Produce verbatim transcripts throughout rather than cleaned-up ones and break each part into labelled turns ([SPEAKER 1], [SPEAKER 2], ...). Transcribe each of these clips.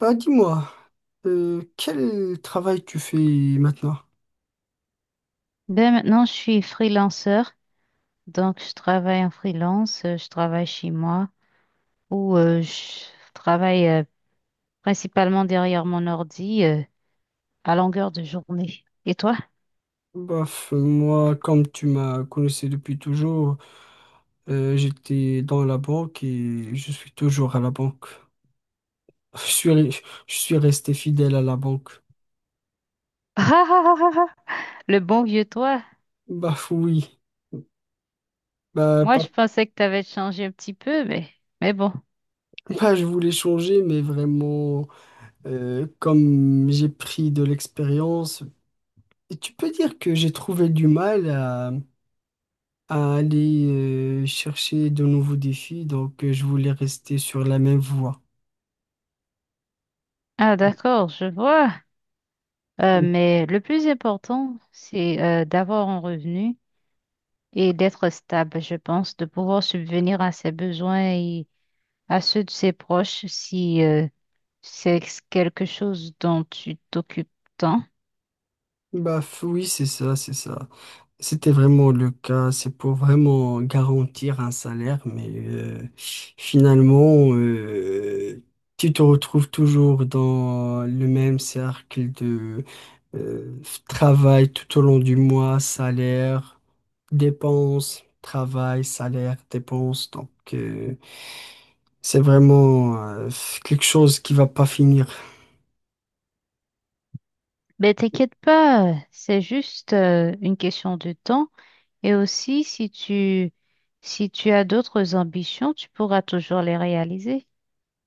[SPEAKER 1] Bah dis-moi, euh, quel travail tu fais maintenant?
[SPEAKER 2] Ben maintenant, je suis freelanceur, donc je travaille en freelance, euh, je travaille chez moi ou euh, je travaille euh, principalement derrière mon ordi euh, à longueur de journée. Et toi?
[SPEAKER 1] Bof, moi, comme tu m'as connaissé depuis toujours, euh, j'étais dans la banque et je suis toujours à la banque. Je suis, re- je suis resté fidèle à la banque.
[SPEAKER 2] Ah, ah, ah, ah, ah, le bon vieux toi.
[SPEAKER 1] Bah oui, bah,
[SPEAKER 2] Moi,
[SPEAKER 1] pas,
[SPEAKER 2] je pensais que tu avais changé un petit peu, mais, mais bon.
[SPEAKER 1] pas je voulais changer, mais vraiment, euh, comme j'ai pris de l'expérience, et tu peux dire que j'ai trouvé du mal à aller euh, chercher de nouveaux défis, donc euh, je voulais rester sur la même voie.
[SPEAKER 2] Ah, d'accord, je vois. Euh, mais le plus important, c'est euh, d'avoir un revenu et d'être stable, je pense, de pouvoir subvenir à ses besoins et à ceux de ses proches si... euh, C'est quelque chose dont tu t'occupes tant.
[SPEAKER 1] Bah f- oui, c'est ça, c'est ça. C'était vraiment le cas, c'est pour vraiment garantir un salaire, mais euh, finalement, euh, tu te retrouves toujours dans le même cercle de euh, travail tout au long du mois, salaire, dépenses, travail, salaire, dépenses. Donc, euh, c'est vraiment euh, quelque chose qui va pas finir.
[SPEAKER 2] Mais t'inquiète pas, c'est juste euh, une question de temps. Et aussi, si tu, si tu as d'autres ambitions, tu pourras toujours les réaliser.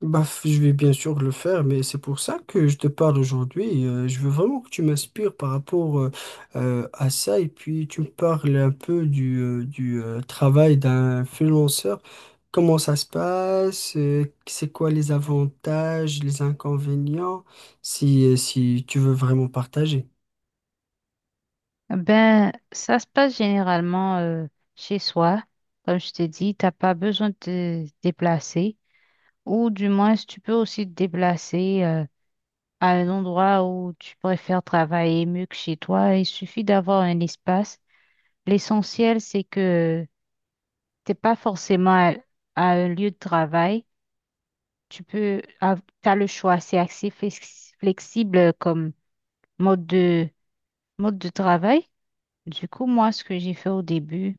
[SPEAKER 1] Bah, f- je vais bien sûr le faire, mais c'est pour ça que je te parle aujourd'hui. Euh, je veux vraiment que tu m'inspires par rapport euh, euh, à ça et puis tu me parles un peu du, euh, du euh, travail d'un freelanceur. Comment ça se passe? Euh, c'est quoi les avantages, les inconvénients, si, euh, si tu veux vraiment partager.
[SPEAKER 2] Ben, ça se passe généralement euh, chez soi. Comme je t'ai dit, t'as pas besoin de te déplacer. Ou du moins, tu peux aussi te déplacer euh, à un endroit où tu préfères travailler mieux que chez toi. Il suffit d'avoir un espace. L'essentiel, c'est que t'es pas forcément à, à un lieu de travail. Tu peux, tu as le choix, c'est assez flex- flexible comme mode de, mode de travail. Du coup, moi, ce que j'ai fait au début,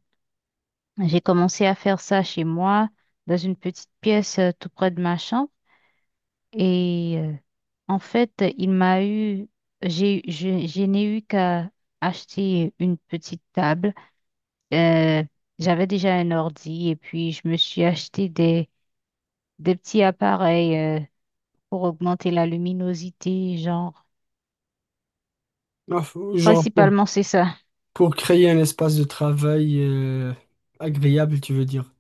[SPEAKER 2] j'ai commencé à faire ça chez moi, dans une petite pièce euh, tout près de ma chambre. Et euh, en fait, il m'a eu, j'ai, je, je n'ai eu qu'à acheter une petite table. Euh, j'avais déjà un ordi et puis je me suis acheté des, des petits appareils euh, pour augmenter la luminosité, genre.
[SPEAKER 1] Ah, faut- Genre pour,
[SPEAKER 2] Principalement, c'est ça.
[SPEAKER 1] pour créer un espace de travail euh, agréable, tu veux dire.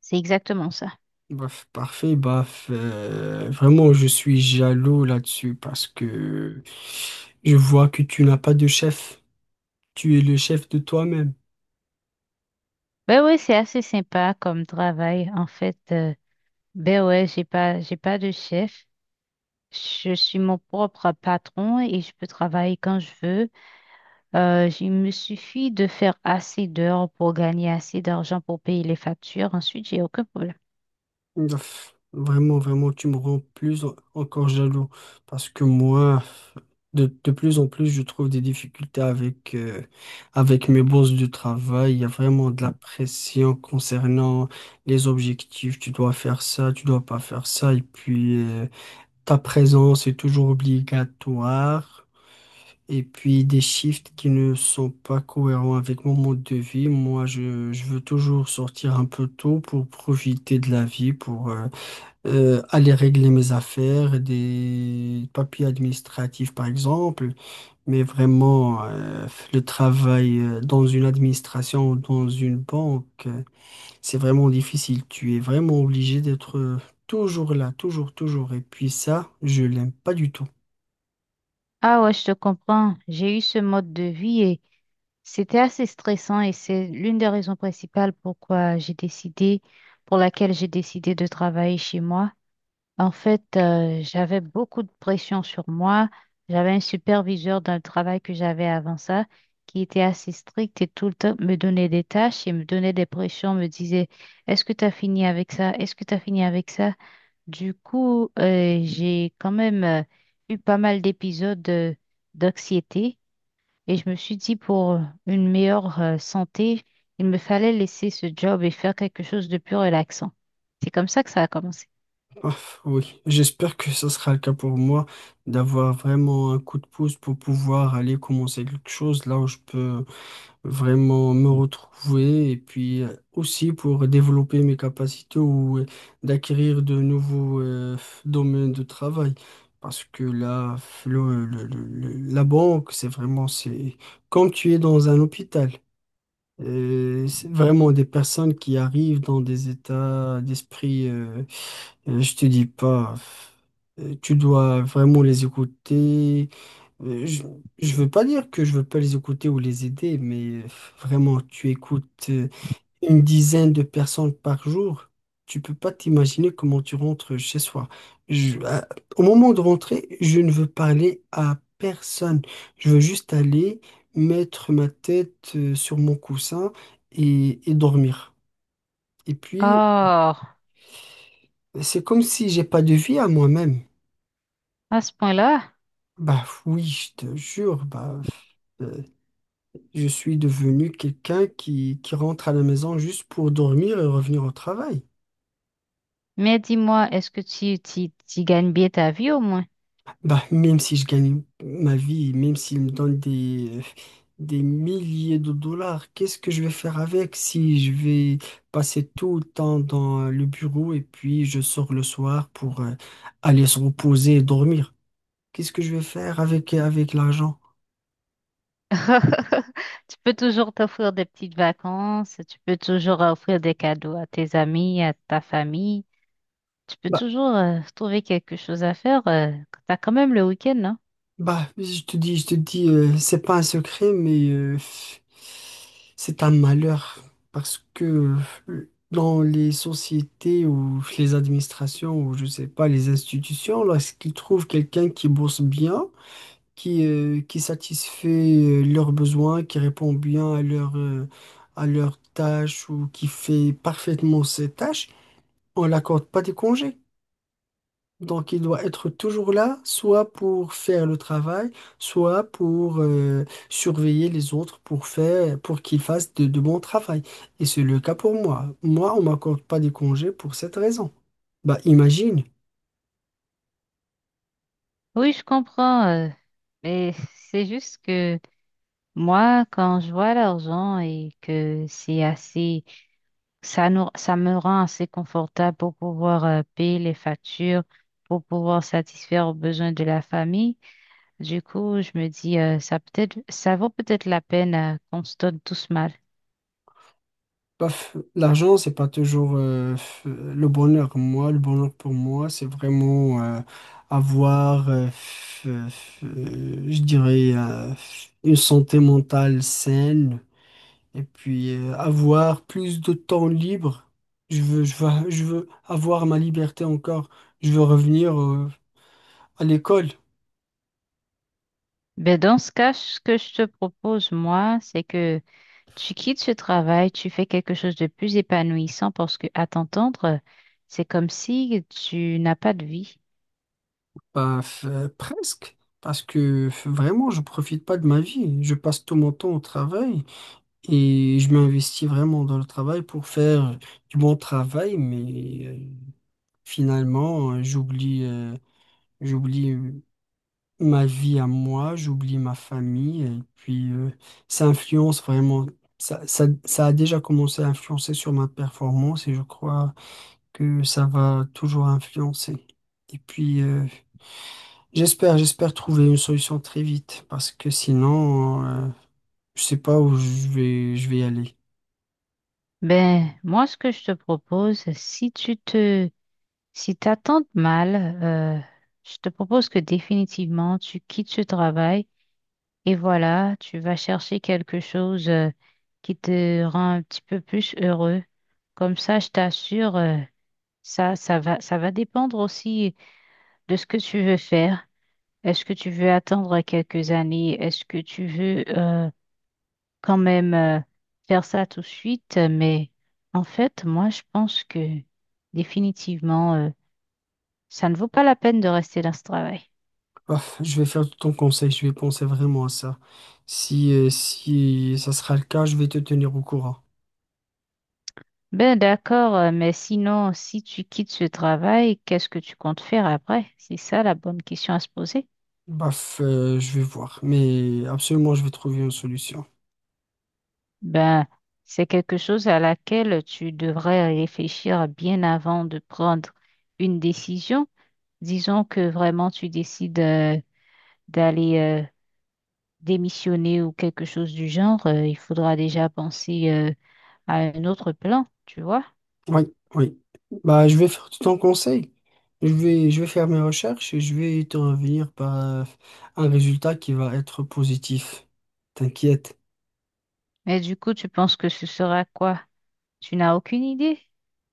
[SPEAKER 2] C'est exactement ça.
[SPEAKER 1] Bah, f- parfait, bah, f- euh, vraiment, je suis jaloux là-dessus parce que je vois que tu n'as pas de chef. Tu es le chef de toi-même.
[SPEAKER 2] Ben ouais, c'est assez sympa comme travail. En fait, euh, ben ouais, j'ai pas, j'ai pas de chef. Je suis mon propre patron et je peux travailler quand je veux. Euh, j- il me suffit de faire assez d'heures pour gagner assez d'argent pour payer les factures. Ensuite, j'ai aucun problème.
[SPEAKER 1] Bah, f- vraiment, vraiment, tu me rends plus en- encore jaloux parce que moi, de, de plus en plus, je trouve des difficultés avec, euh, avec mes bosses de travail. Il y a vraiment de la pression concernant les objectifs. Tu dois faire ça, tu dois pas faire ça. Et puis, euh, ta présence est toujours obligatoire. Et puis des shifts qui ne sont pas cohérents avec mon mode de vie. Moi, je, je veux toujours sortir un peu tôt pour profiter de la vie, pour euh, euh, aller régler mes affaires, des papiers administratifs par exemple. Mais vraiment, euh, le travail euh, dans une administration ou dans une banque, euh, c'est vraiment difficile. Tu es vraiment obligé d'être euh, toujours là, toujours, toujours. Et puis ça, je l'aime pas du tout.
[SPEAKER 2] Ah ouais, je te comprends. J'ai eu ce mode de vie et c'était assez stressant et c'est l'une des raisons principales pourquoi j'ai décidé, pour laquelle j'ai décidé de travailler chez moi. En fait, euh, j'avais beaucoup de pression sur moi. J'avais un superviseur dans le travail que j'avais avant ça qui était assez strict et tout le temps me donnait des tâches et me donnait des pressions, me disait, est-ce que tu as fini avec ça? Est-ce que tu as fini avec ça? Du coup, euh, j'ai quand même euh, eu pas mal d'épisodes de- d'anxiété et je me suis dit pour une meilleure euh, santé, il me fallait laisser ce job et faire quelque chose de plus relaxant. C'est comme ça que ça a commencé.
[SPEAKER 1] Ah, oui, j'espère que ça sera le cas pour moi d'avoir vraiment un coup de pouce pour pouvoir aller commencer quelque chose là où je peux vraiment me retrouver et puis euh, aussi pour développer mes capacités ou euh, d'acquérir de nouveaux euh, domaines de travail. Parce que là, le- le- le- le- la banque, c'est vraiment, c'est comme tu es dans un hôpital. Euh, c'est vraiment des personnes qui arrivent dans des états d'esprit. euh, euh, Je te dis pas, euh, tu dois vraiment les écouter. Euh, Je, je veux pas dire que je veux pas les écouter ou les aider, mais euh, vraiment, tu écoutes euh, une dizaine de personnes par jour. Tu peux pas t'imaginer comment tu rentres chez soi. Je- à- Au moment de rentrer, je ne veux parler à personne. Je veux juste aller mettre ma tête euh, sur mon coussin et, et dormir. Et
[SPEAKER 2] Oh,
[SPEAKER 1] puis,
[SPEAKER 2] à
[SPEAKER 1] c'est comme si j'ai pas de vie à moi-même.
[SPEAKER 2] ce point-là.
[SPEAKER 1] Bah oui, je te jure, bah, euh, je suis devenu quelqu'un qui, qui rentre à la maison juste pour dormir et revenir au travail.
[SPEAKER 2] Mais dis-moi, est-ce que tu, tu, tu gagnes bien ta vie au moins?
[SPEAKER 1] Bah même si je gagne ma vie, même s'il me donne des, des milliers de dollars, qu'est-ce que je vais faire avec si je vais passer tout le temps dans le bureau et puis je sors le soir pour euh, aller se reposer et dormir? Qu'est-ce que je vais faire avec, avec l'argent?
[SPEAKER 2] Tu peux toujours t'offrir des petites vacances, tu peux toujours offrir des cadeaux à tes amis, à ta famille. Tu peux toujours euh, trouver quelque chose à faire. Euh, t'as quand même le week-end, hein.
[SPEAKER 1] Bah, je te dis, je te dis, euh, c'est pas un secret, mais euh, c'est un malheur parce que euh, dans les sociétés ou les administrations ou je sais pas, les institutions, lorsqu'ils trouvent quelqu'un qui bosse bien, qui, euh, qui satisfait euh, leurs besoins, qui répond bien à leurs euh, à leurs tâches ou qui fait parfaitement ses tâches, on l'accorde pas des congés. Donc, il doit être toujours là, soit pour faire le travail, soit pour euh, surveiller les autres pour faire, pour qu'ils fassent de, de bons travail. Et c'est le cas pour moi. Moi, on m'accorde pas des congés pour cette raison. Bah, imagine.
[SPEAKER 2] Oui, je comprends. Euh, mais c'est juste que moi, quand je vois l'argent et que c'est assez, ça nous, ça me rend assez confortable pour pouvoir euh, payer les factures, pour pouvoir satisfaire aux besoins de la famille. Du coup, je me dis, euh, ça peut-être, ça vaut peut-être la peine euh, qu'on se donne tous mal.
[SPEAKER 1] Paf, l'argent, c'est pas toujours euh, f- le bonheur. Moi, le bonheur pour moi, c'est vraiment euh, avoir, euh, f- f- euh, je dirais, euh, une santé mentale saine. Et puis euh, avoir plus de temps libre. Je veux, je veux, je veux avoir ma liberté encore. Je veux revenir euh, à l'école.
[SPEAKER 2] Ben, dans ce cas, ce que je te propose, moi, c'est que tu quittes ce travail, tu fais quelque chose de plus épanouissant parce que, à t'entendre, c'est comme si tu n'as pas de vie.
[SPEAKER 1] Bah, f- euh, presque. Parce que f- vraiment, je profite pas de ma vie. Je passe tout mon temps au travail et je m'investis vraiment dans le travail pour faire du bon travail. Mais euh, finalement, euh, j'oublie euh, j'oublie euh, ma vie à moi, j'oublie ma famille et puis euh, ça influence vraiment, ça, ça, ça a déjà commencé à influencer sur ma performance et je crois que ça va toujours influencer. Et puis euh, j'espère, j'espère trouver une solution très vite parce que sinon, euh, je sais pas où je vais, je vais aller.
[SPEAKER 2] Ben, moi, ce que je te propose, si tu te, si t'attends mal, euh, je te propose que définitivement tu quittes ce travail et voilà, tu vas chercher quelque chose, euh, qui te rend un petit peu plus heureux. Comme ça, je t'assure, euh, ça, ça va, ça va dépendre aussi de ce que tu veux faire. Est-ce que tu veux attendre quelques années? Est-ce que tu veux euh, quand même euh, faire ça tout de suite? Mais en fait, moi, je pense que définitivement, euh, ça ne vaut pas la peine de rester dans ce travail.
[SPEAKER 1] Ah, je vais faire ton conseil, je vais penser vraiment à ça. Si, euh, si ça sera le cas, je vais te tenir au courant.
[SPEAKER 2] Ben d'accord, euh, mais sinon, si tu quittes ce travail, qu'est-ce que tu comptes faire après? C'est ça la bonne question à se poser.
[SPEAKER 1] Baf, euh, je vais voir, mais absolument, je vais trouver une solution.
[SPEAKER 2] Ben, c'est quelque chose à laquelle tu devrais réfléchir bien avant de prendre une décision. Disons que vraiment tu décides. Euh, d'aller euh, démissionner ou quelque chose du genre, euh, il faudra déjà penser euh, à un autre plan, tu vois.
[SPEAKER 1] Oui, oui. Bah, je vais faire tout ton conseil. Je vais, je vais faire mes recherches et je vais te revenir par euh, un résultat qui va être positif. T'inquiète.
[SPEAKER 2] Mais du coup, tu penses que ce sera quoi? Tu n'as aucune idée?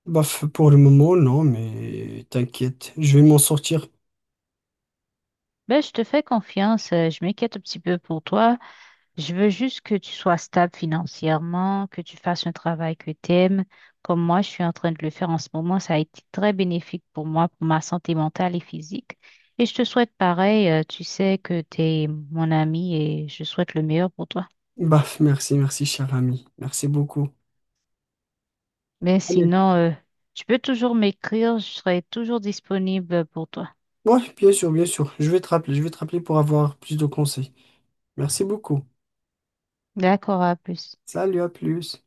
[SPEAKER 1] Baf, pour le moment, non, mais t'inquiète, je vais m'en sortir.
[SPEAKER 2] Ben, je te fais confiance, euh, je m'inquiète un petit peu pour toi. Je veux juste que tu sois stable financièrement, que tu fasses un travail que tu aimes. Comme moi, je suis en train de le faire en ce moment, ça a été très bénéfique pour moi, pour ma santé mentale et physique. Et je te souhaite pareil, euh, tu sais que tu es mon ami et je souhaite le meilleur pour toi.
[SPEAKER 1] Baf, merci, merci, cher ami. Merci beaucoup.
[SPEAKER 2] Mais
[SPEAKER 1] Allez.
[SPEAKER 2] sinon, euh, tu peux toujours m'écrire, je serai toujours disponible pour toi.
[SPEAKER 1] Oui, bien sûr, bien sûr. Je vais te rappeler, je vais te rappeler pour avoir plus de conseils. Merci beaucoup.
[SPEAKER 2] D'accord, à plus.
[SPEAKER 1] Salut, à plus.